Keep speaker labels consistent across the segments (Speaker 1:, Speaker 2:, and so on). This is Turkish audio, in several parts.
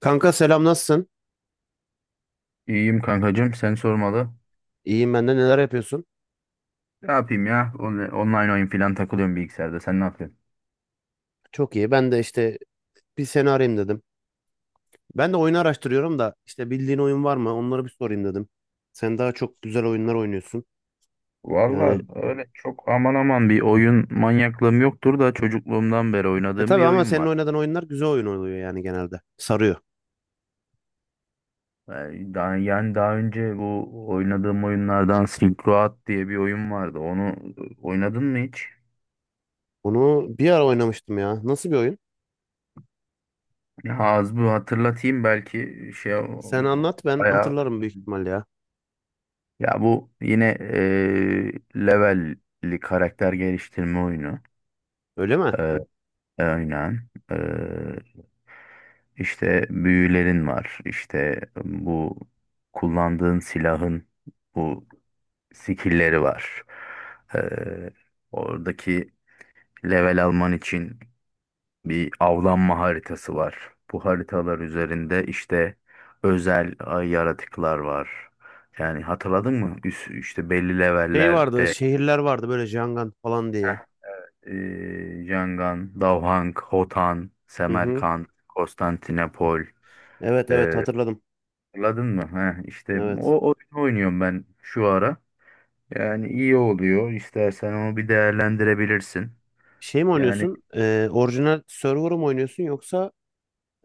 Speaker 1: Kanka selam, nasılsın?
Speaker 2: İyiyim kankacığım sen sormalı.
Speaker 1: İyiyim, ben de. Neler yapıyorsun?
Speaker 2: Ne yapayım ya? Online oyun falan takılıyorum bilgisayarda. Sen ne yapıyorsun?
Speaker 1: Çok iyi. Ben de işte bir seni arayayım dedim. Ben de oyunu araştırıyorum da işte bildiğin oyun var mı? Onları bir sorayım dedim. Sen daha çok güzel oyunlar oynuyorsun.
Speaker 2: Valla
Speaker 1: Yani
Speaker 2: öyle çok aman aman bir oyun manyaklığım yoktur da çocukluğumdan beri
Speaker 1: e
Speaker 2: oynadığım
Speaker 1: tabii
Speaker 2: bir
Speaker 1: ama
Speaker 2: oyun
Speaker 1: senin
Speaker 2: var.
Speaker 1: oynadığın oyunlar güzel oyun oluyor yani genelde. Sarıyor.
Speaker 2: Yani daha önce bu oynadığım oyunlardan Silk Road diye bir oyun vardı. Onu oynadın mı hiç?
Speaker 1: Onu bir ara oynamıştım ya. Nasıl bir oyun?
Speaker 2: Ya az bu hatırlatayım belki şey
Speaker 1: Sen anlat, ben
Speaker 2: bayağı
Speaker 1: hatırlarım büyük ihtimalle ya.
Speaker 2: ya bu yine levelli karakter geliştirme oyunu.
Speaker 1: Öyle mi?
Speaker 2: Aynen. İşte büyülerin var. İşte bu kullandığın silahın bu skill'leri var. Ee, Oradaki level alman için bir avlanma haritası var. Bu haritalar üzerinde işte özel ay yaratıklar var. Yani hatırladın mı? İşte belli
Speaker 1: Şey vardı,
Speaker 2: levellerde.
Speaker 1: şehirler vardı böyle Jangan falan
Speaker 2: Heh,
Speaker 1: diye.
Speaker 2: Ee, Yangon, Davhang, Hotan,
Speaker 1: Hı hı.
Speaker 2: Semerkant, Konstantinopol.
Speaker 1: Evet evet,
Speaker 2: Ee,
Speaker 1: hatırladım.
Speaker 2: Anladın mı? Heh, işte o
Speaker 1: Evet.
Speaker 2: oyunu oynuyorum ben şu ara. Yani iyi oluyor. İstersen onu bir değerlendirebilirsin.
Speaker 1: Şey mi
Speaker 2: Yani
Speaker 1: oynuyorsun? Orijinal server mı oynuyorsun, yoksa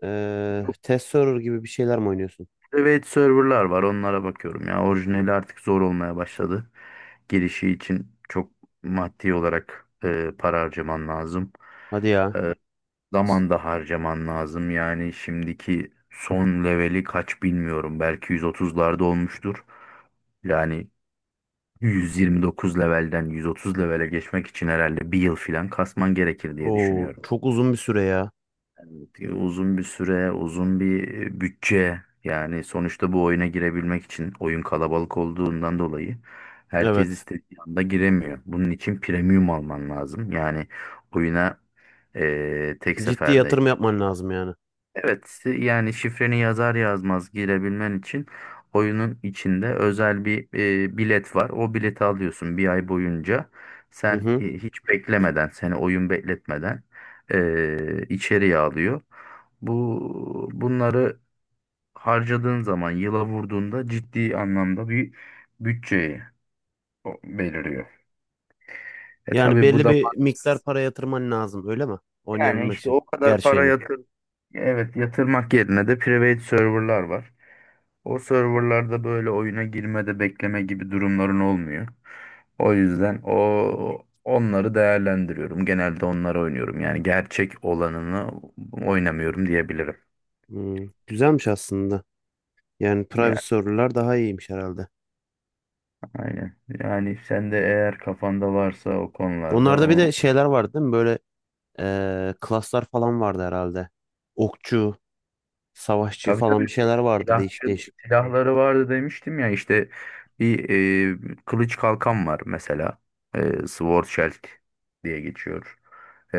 Speaker 1: Test server gibi bir şeyler mi oynuyorsun?
Speaker 2: private serverlar var. Onlara bakıyorum. Ya orijinali artık zor olmaya başladı. Girişi için çok maddi olarak para harcaman lazım.
Speaker 1: Hadi ya.
Speaker 2: E, Zaman da harcaman lazım. Yani şimdiki son leveli kaç bilmiyorum. Belki 130'larda olmuştur. Yani 129 levelden 130 levele geçmek için herhalde bir yıl falan kasman gerekir diye
Speaker 1: Oo,
Speaker 2: düşünüyorum.
Speaker 1: çok uzun bir süre ya.
Speaker 2: Evet uzun bir süre, uzun bir bütçe. Yani sonuçta bu oyuna girebilmek için oyun kalabalık olduğundan dolayı herkes
Speaker 1: Evet.
Speaker 2: istediği anda giremiyor. Bunun için premium alman lazım. Yani oyuna tek
Speaker 1: Ciddi
Speaker 2: seferde.
Speaker 1: yatırım yapman lazım yani.
Speaker 2: Evet, yani şifreni yazar yazmaz girebilmen için oyunun içinde özel bir bilet var. O bileti alıyorsun bir ay boyunca.
Speaker 1: Hı
Speaker 2: Sen
Speaker 1: hı.
Speaker 2: hiç beklemeden, seni oyun bekletmeden içeriye alıyor. Bunları harcadığın zaman, yıla vurduğunda ciddi anlamda bir bütçeyi belirliyor.
Speaker 1: Yani
Speaker 2: Tabii bu
Speaker 1: belli
Speaker 2: da
Speaker 1: bir miktar para yatırman lazım, öyle mi?
Speaker 2: yani
Speaker 1: Oynayabilmek
Speaker 2: işte
Speaker 1: için
Speaker 2: o kadar para
Speaker 1: gerçeğini.
Speaker 2: yatır, evet yatırmak yerine de private serverlar var. O serverlarda böyle oyuna girmede bekleme gibi durumların olmuyor. O yüzden onları değerlendiriyorum. Genelde onları oynuyorum. Yani gerçek olanını oynamıyorum diyebilirim.
Speaker 1: Hmm, güzelmiş aslında. Yani private
Speaker 2: Ya
Speaker 1: server'lar daha iyiymiş herhalde.
Speaker 2: aynen. Yani sen de eğer kafanda varsa o konularda
Speaker 1: Onlarda bir de şeyler vardı değil mi? Böyle klaslar falan vardı herhalde. Okçu, savaşçı
Speaker 2: Tabii
Speaker 1: falan
Speaker 2: tabii
Speaker 1: bir şeyler vardı, değişik
Speaker 2: silahçı
Speaker 1: değişik.
Speaker 2: silahları vardı demiştim ya işte bir kılıç kalkan var mesela. Sword Shield diye geçiyor. E,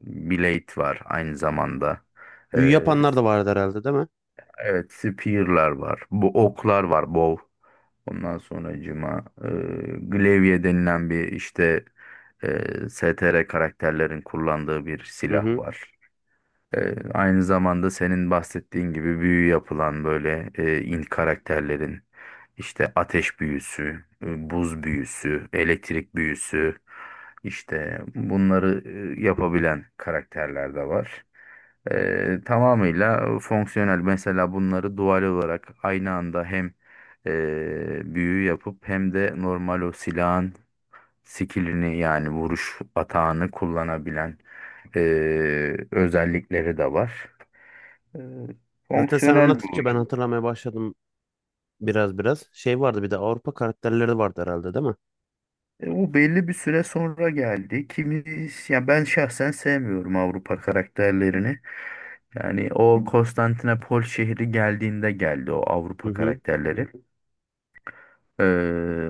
Speaker 2: Blade var aynı zamanda.
Speaker 1: Büyü
Speaker 2: E,
Speaker 1: yapanlar da vardı herhalde değil mi?
Speaker 2: evet spear'lar var. Bu oklar var bow. Ondan sonracığıma glaive denilen bir işte STR karakterlerin kullandığı bir
Speaker 1: Hı
Speaker 2: silah
Speaker 1: hı.
Speaker 2: var. Aynı zamanda senin bahsettiğin gibi büyü yapılan böyle in karakterlerin işte ateş büyüsü, buz büyüsü, elektrik büyüsü işte bunları yapabilen karakterler de var. Tamamıyla fonksiyonel mesela bunları dual olarak aynı anda hem büyü yapıp hem de normal o silahın skillini yani vuruş atağını kullanabilen e, özellikleri de var. E,
Speaker 1: Zaten sen
Speaker 2: Fonksiyonel bir
Speaker 1: anlattıkça ben
Speaker 2: oyun.
Speaker 1: hatırlamaya başladım. Biraz biraz. Şey vardı bir de, Avrupa karakterleri vardı herhalde değil mi?
Speaker 2: O belli bir süre sonra geldi. Ya ben şahsen sevmiyorum Avrupa karakterlerini. Yani o Konstantinopol şehri geldiğinde geldi o
Speaker 1: Hı
Speaker 2: Avrupa
Speaker 1: hı.
Speaker 2: karakterleri.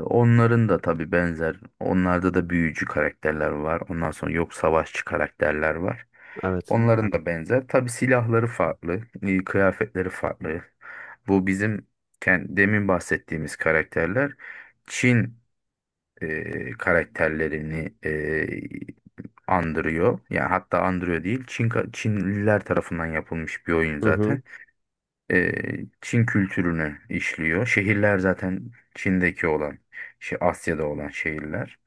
Speaker 2: Onların da tabii benzer. Onlarda da büyücü karakterler var. Ondan sonra yok savaşçı karakterler var.
Speaker 1: Evet.
Speaker 2: Onların da benzer. Tabii silahları farklı, kıyafetleri farklı. Bu bizim demin bahsettiğimiz karakterler Çin karakterlerini andırıyor. Yani hatta andırıyor değil. Çinliler tarafından yapılmış bir oyun
Speaker 1: Hı hı.
Speaker 2: zaten, e, Çin kültürünü işliyor. Şehirler zaten Çin'deki olan, şey Asya'da olan şehirler.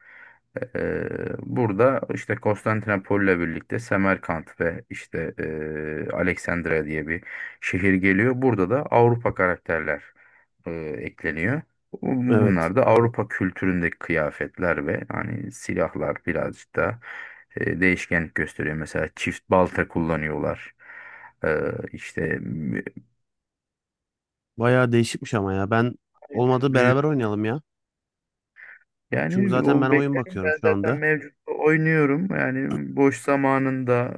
Speaker 2: E, e, Burada işte Konstantinopolis'le birlikte Semerkant ve işte Alexandria diye bir şehir geliyor. Burada da Avrupa karakterler e, ekleniyor. Bu-
Speaker 1: Evet.
Speaker 2: Bunlar da Avrupa kültüründeki kıyafetler ve hani silahlar birazcık da değişkenlik gösteriyor. Mesela çift balta kullanıyorlar. Ee, işte
Speaker 1: Bayağı değişikmiş ama ya. Ben
Speaker 2: o yüzden
Speaker 1: olmadı
Speaker 2: büyük.
Speaker 1: beraber oynayalım ya. Çünkü
Speaker 2: Yani
Speaker 1: zaten
Speaker 2: o
Speaker 1: ben oyun
Speaker 2: beklerim
Speaker 1: bakıyorum
Speaker 2: ben
Speaker 1: şu
Speaker 2: zaten
Speaker 1: anda.
Speaker 2: mevcut oynuyorum. Yani boş zamanında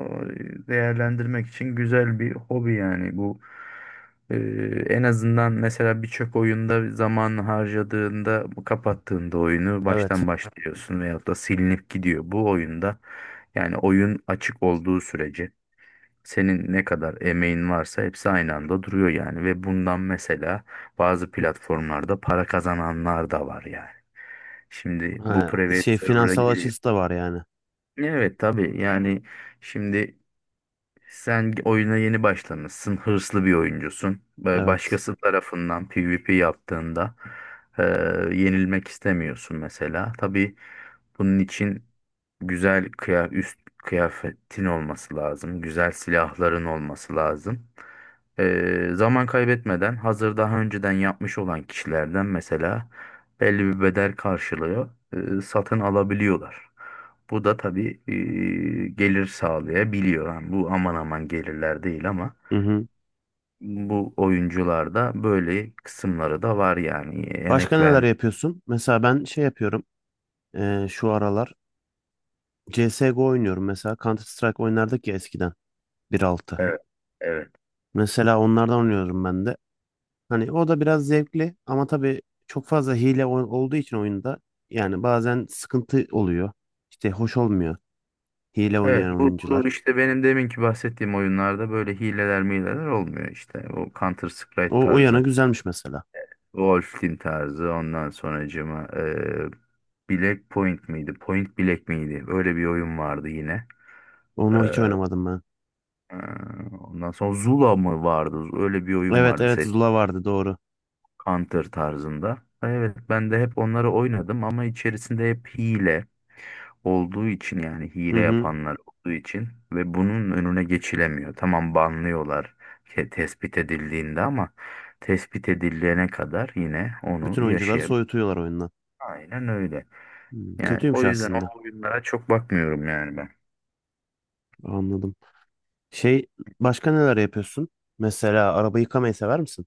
Speaker 2: değerlendirmek için güzel bir hobi yani bu. E, En azından mesela birçok oyunda zaman harcadığında kapattığında oyunu
Speaker 1: Evet.
Speaker 2: baştan başlıyorsun veyahut da silinip gidiyor. Bu oyunda yani oyun açık olduğu sürece senin ne kadar emeğin varsa hepsi aynı anda duruyor yani, ve bundan mesela bazı platformlarda para kazananlar da var yani. Şimdi bu
Speaker 1: Ha,
Speaker 2: private
Speaker 1: şey,
Speaker 2: server'a
Speaker 1: finansal
Speaker 2: giriyor.
Speaker 1: açısı da var yani.
Speaker 2: Evet tabii yani şimdi sen oyuna yeni başlamışsın, hırslı bir oyuncusun. Böyle
Speaker 1: Evet.
Speaker 2: başkası tarafından PvP yaptığında e, yenilmek istemiyorsun mesela. Tabii bunun için güzel üst kıyafetin olması lazım, güzel silahların olması lazım. Zaman kaybetmeden hazır daha önceden yapmış olan kişilerden mesela belli bir bedel karşılığı satın alabiliyorlar. Bu da tabii gelir sağlayabiliyor. Yani bu aman aman gelirler değil ama
Speaker 1: Hı hı.
Speaker 2: bu oyuncularda böyle kısımları da var yani
Speaker 1: Başka
Speaker 2: emek
Speaker 1: neler
Speaker 2: ver.
Speaker 1: yapıyorsun? Mesela ben şey yapıyorum. Şu aralar CSGO oynuyorum mesela. Counter Strike oynardık ya eskiden, 1.6.
Speaker 2: Evet. Evet.
Speaker 1: Mesela onlardan oynuyorum ben de. Hani o da biraz zevkli ama tabii çok fazla hile olduğu için oyunda, yani bazen sıkıntı oluyor. İşte hoş olmuyor hile
Speaker 2: Evet.
Speaker 1: oynayan
Speaker 2: Bu,
Speaker 1: oyuncular.
Speaker 2: bu işte benim deminki bahsettiğim oyunlarda böyle hileler mileler olmuyor işte. O Counter Strike
Speaker 1: O, o yana
Speaker 2: tarzı,
Speaker 1: güzelmiş mesela.
Speaker 2: Wolf Team tarzı, ondan sonracığıma Black Point miydi? Point Black miydi? Öyle bir oyun vardı yine. Ee,
Speaker 1: Onu hiç oynamadım ben.
Speaker 2: e, Ondan sonra Zula mı vardı? Öyle bir oyun
Speaker 1: Evet
Speaker 2: vardı.
Speaker 1: evet, Zula vardı doğru.
Speaker 2: Counter tarzında. Evet ben de hep onları oynadım ama içerisinde hep hile olduğu için yani
Speaker 1: Hı
Speaker 2: hile
Speaker 1: hı.
Speaker 2: yapanlar olduğu için ve bunun önüne geçilemiyor. Tamam banlıyorlar tespit edildiğinde ama tespit edilene kadar yine
Speaker 1: Bütün
Speaker 2: onu
Speaker 1: oyuncuları
Speaker 2: yaşayabilir.
Speaker 1: soyutuyorlar oyundan.
Speaker 2: Aynen öyle.
Speaker 1: Hmm,
Speaker 2: Yani
Speaker 1: kötüymüş
Speaker 2: o yüzden
Speaker 1: aslında.
Speaker 2: o oyunlara çok bakmıyorum yani ben.
Speaker 1: Anladım. Şey, başka neler yapıyorsun? Mesela araba yıkamayı sever misin?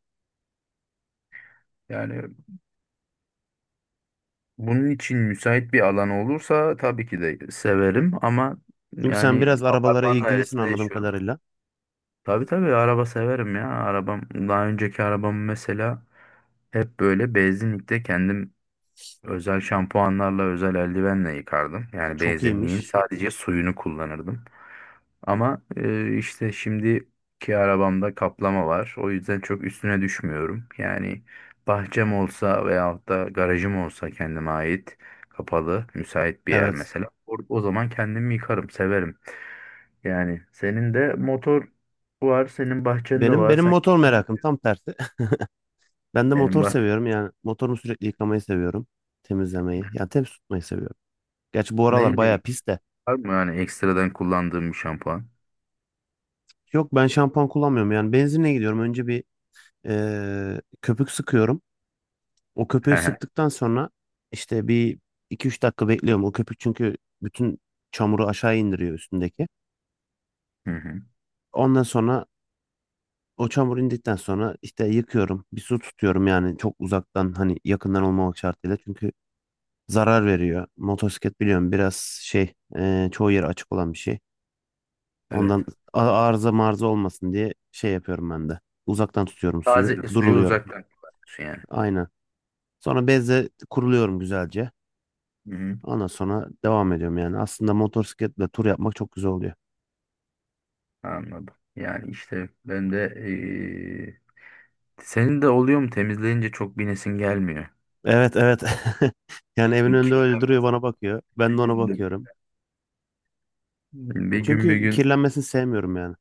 Speaker 2: Yani bunun için müsait bir alan olursa tabii ki de severim ama
Speaker 1: Çünkü sen
Speaker 2: yani
Speaker 1: biraz arabalara
Speaker 2: apartman
Speaker 1: ilgilisin
Speaker 2: dairesinde
Speaker 1: anladığım
Speaker 2: yaşıyorum.
Speaker 1: kadarıyla.
Speaker 2: Tabii tabii araba severim ya. Daha önceki arabam mesela hep böyle benzinlikte kendim özel şampuanlarla özel eldivenle yıkardım. Yani
Speaker 1: Çok
Speaker 2: benzinliğin
Speaker 1: iyiymiş.
Speaker 2: sadece suyunu kullanırdım. Ama işte şimdiki arabamda kaplama var. O yüzden çok üstüne düşmüyorum. Yani bahçem olsa veyahut da garajım olsa kendime ait kapalı müsait bir yer
Speaker 1: Evet.
Speaker 2: mesela. O zaman kendimi yıkarım severim. Yani senin de motor var, senin bahçende
Speaker 1: Benim
Speaker 2: var.
Speaker 1: benim
Speaker 2: Sen
Speaker 1: motor merakım tam tersi. Ben de
Speaker 2: senin
Speaker 1: motor
Speaker 2: bahçe
Speaker 1: seviyorum, yani motorumu sürekli yıkamayı seviyorum. Temizlemeyi. Yani temiz tutmayı seviyorum. Gerçi bu aralar
Speaker 2: neyle
Speaker 1: bayağı
Speaker 2: ilgili?
Speaker 1: pis de.
Speaker 2: Var mı yani ekstradan kullandığın bir şampuan?
Speaker 1: Yok, ben şampuan kullanmıyorum, yani benzinle gidiyorum. Önce bir köpük sıkıyorum. O
Speaker 2: He
Speaker 1: köpüğü
Speaker 2: he.
Speaker 1: sıktıktan sonra işte bir iki üç dakika bekliyorum. O köpük çünkü bütün çamuru aşağı indiriyor üstündeki.
Speaker 2: Hı hı.
Speaker 1: Ondan sonra o çamur indikten sonra işte yıkıyorum. Bir su tutuyorum, yani çok uzaktan, hani yakından olmamak şartıyla. Çünkü zarar veriyor. Motosiklet biliyorum biraz çoğu yeri açık olan bir şey.
Speaker 2: Evet.
Speaker 1: Ondan arıza marza olmasın diye şey yapıyorum ben de. Uzaktan tutuyorum suyu.
Speaker 2: Taze suyu
Speaker 1: Duruluyorum.
Speaker 2: uzaktan kullanıyorsun yani.
Speaker 1: Aynen. Sonra bezle kuruluyorum güzelce.
Speaker 2: Hı hı.
Speaker 1: Ondan sonra devam ediyorum yani. Aslında motosikletle tur yapmak çok güzel oluyor.
Speaker 2: Anladım. Yani işte ben de senin de oluyor mu temizleyince çok binesin gelmiyor.
Speaker 1: Evet evet. Yani evin önünde öyle duruyor,
Speaker 2: Kirlenmez.
Speaker 1: bana bakıyor. Ben
Speaker 2: Bir
Speaker 1: de ona
Speaker 2: günde.
Speaker 1: bakıyorum.
Speaker 2: Bir gün bir
Speaker 1: Çünkü
Speaker 2: gün.
Speaker 1: kirlenmesini sevmiyorum yani.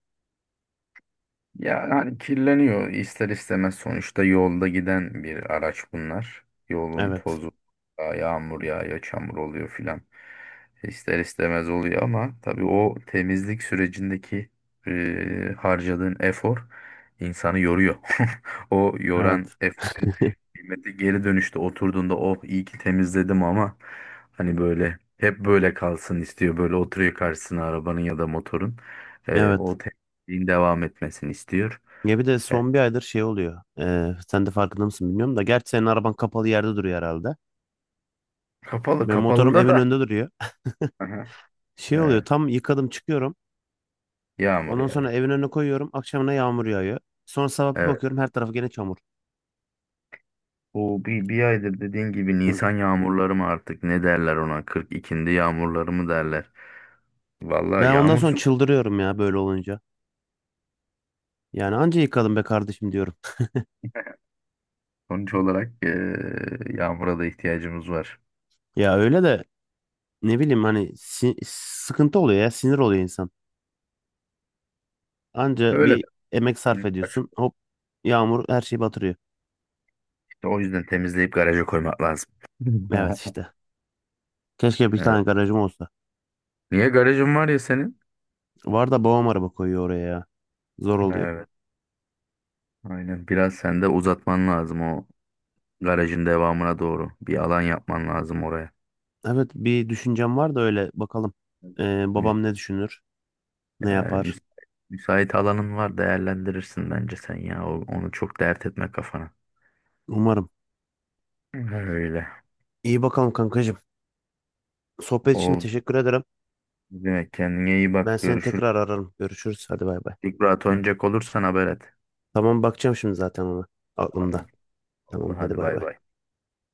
Speaker 2: Ya hani kirleniyor ister istemez sonuçta yolda giden bir araç bunlar. Yolun
Speaker 1: Evet.
Speaker 2: tozu, yağmur yağıyor, çamur oluyor filan. İster istemez oluyor ama tabii o temizlik sürecindeki harcadığın efor insanı yoruyor. O yoran
Speaker 1: Evet.
Speaker 2: eforun kıymeti geri dönüşte oturduğunda oh iyi ki temizledim, ama hani böyle hep böyle kalsın istiyor. Böyle oturuyor karşısına arabanın ya da motorun.
Speaker 1: Evet.
Speaker 2: O din devam etmesini istiyor.
Speaker 1: Ya bir de
Speaker 2: E,
Speaker 1: son bir aydır şey oluyor. Sen de farkında mısın bilmiyorum da. Gerçi senin araban kapalı yerde duruyor herhalde.
Speaker 2: Kapalı
Speaker 1: Benim motorum
Speaker 2: kapalıda
Speaker 1: evin
Speaker 2: da.
Speaker 1: önünde duruyor.
Speaker 2: Aha,
Speaker 1: Şey oluyor,
Speaker 2: evet,
Speaker 1: tam yıkadım çıkıyorum.
Speaker 2: yağmur
Speaker 1: Ondan sonra
Speaker 2: yağıyor.
Speaker 1: evin önüne koyuyorum. Akşamına yağmur yağıyor. Sonra sabah bir
Speaker 2: Evet.
Speaker 1: bakıyorum, her tarafı gene çamur.
Speaker 2: Bu bir aydır dediğin gibi
Speaker 1: Hı.
Speaker 2: Nisan yağmurları mı artık ne derler ona, 42'nde yağmurları mı derler. Vallahi
Speaker 1: Ben ondan sonra
Speaker 2: yağmursuz,
Speaker 1: çıldırıyorum ya böyle olunca. Yani anca yıkadım be kardeşim diyorum.
Speaker 2: sonuç olarak yağmura da ihtiyacımız var.
Speaker 1: Ya öyle de ne bileyim hani, sıkıntı oluyor ya, sinir oluyor insan. Anca
Speaker 2: Öyle
Speaker 1: bir emek sarf
Speaker 2: de.
Speaker 1: ediyorsun. Hop, yağmur her şeyi batırıyor.
Speaker 2: İşte o yüzden temizleyip garaja koymak lazım.
Speaker 1: Evet işte. Keşke bir
Speaker 2: Evet.
Speaker 1: tane garajım olsa.
Speaker 2: Niye garajın var ya senin?
Speaker 1: Var da babam araba koyuyor oraya ya. Zor oluyor.
Speaker 2: Evet, aynen. Biraz sen de uzatman lazım o garajın devamına doğru. Bir alan yapman lazım oraya.
Speaker 1: Evet, bir düşüncem var da öyle bakalım.
Speaker 2: Mü-
Speaker 1: Babam ne düşünür? Ne
Speaker 2: Yani
Speaker 1: yapar?
Speaker 2: müsait alanın var değerlendirirsin bence sen ya. Onu çok dert etme kafana.
Speaker 1: Umarım.
Speaker 2: Öyle.
Speaker 1: İyi bakalım kankacığım. Sohbet için
Speaker 2: Oldu.
Speaker 1: teşekkür ederim.
Speaker 2: Ne demek, kendine iyi bak.
Speaker 1: Ben seni
Speaker 2: Görüşürüz.
Speaker 1: tekrar ararım. Görüşürüz. Hadi bay bay.
Speaker 2: İlk rahat oynayacak olursan haber et.
Speaker 1: Tamam, bakacağım şimdi zaten ona.
Speaker 2: Tamam.
Speaker 1: Aklımda.
Speaker 2: Oldu
Speaker 1: Tamam hadi
Speaker 2: hadi
Speaker 1: bay
Speaker 2: bay
Speaker 1: bay.
Speaker 2: bay.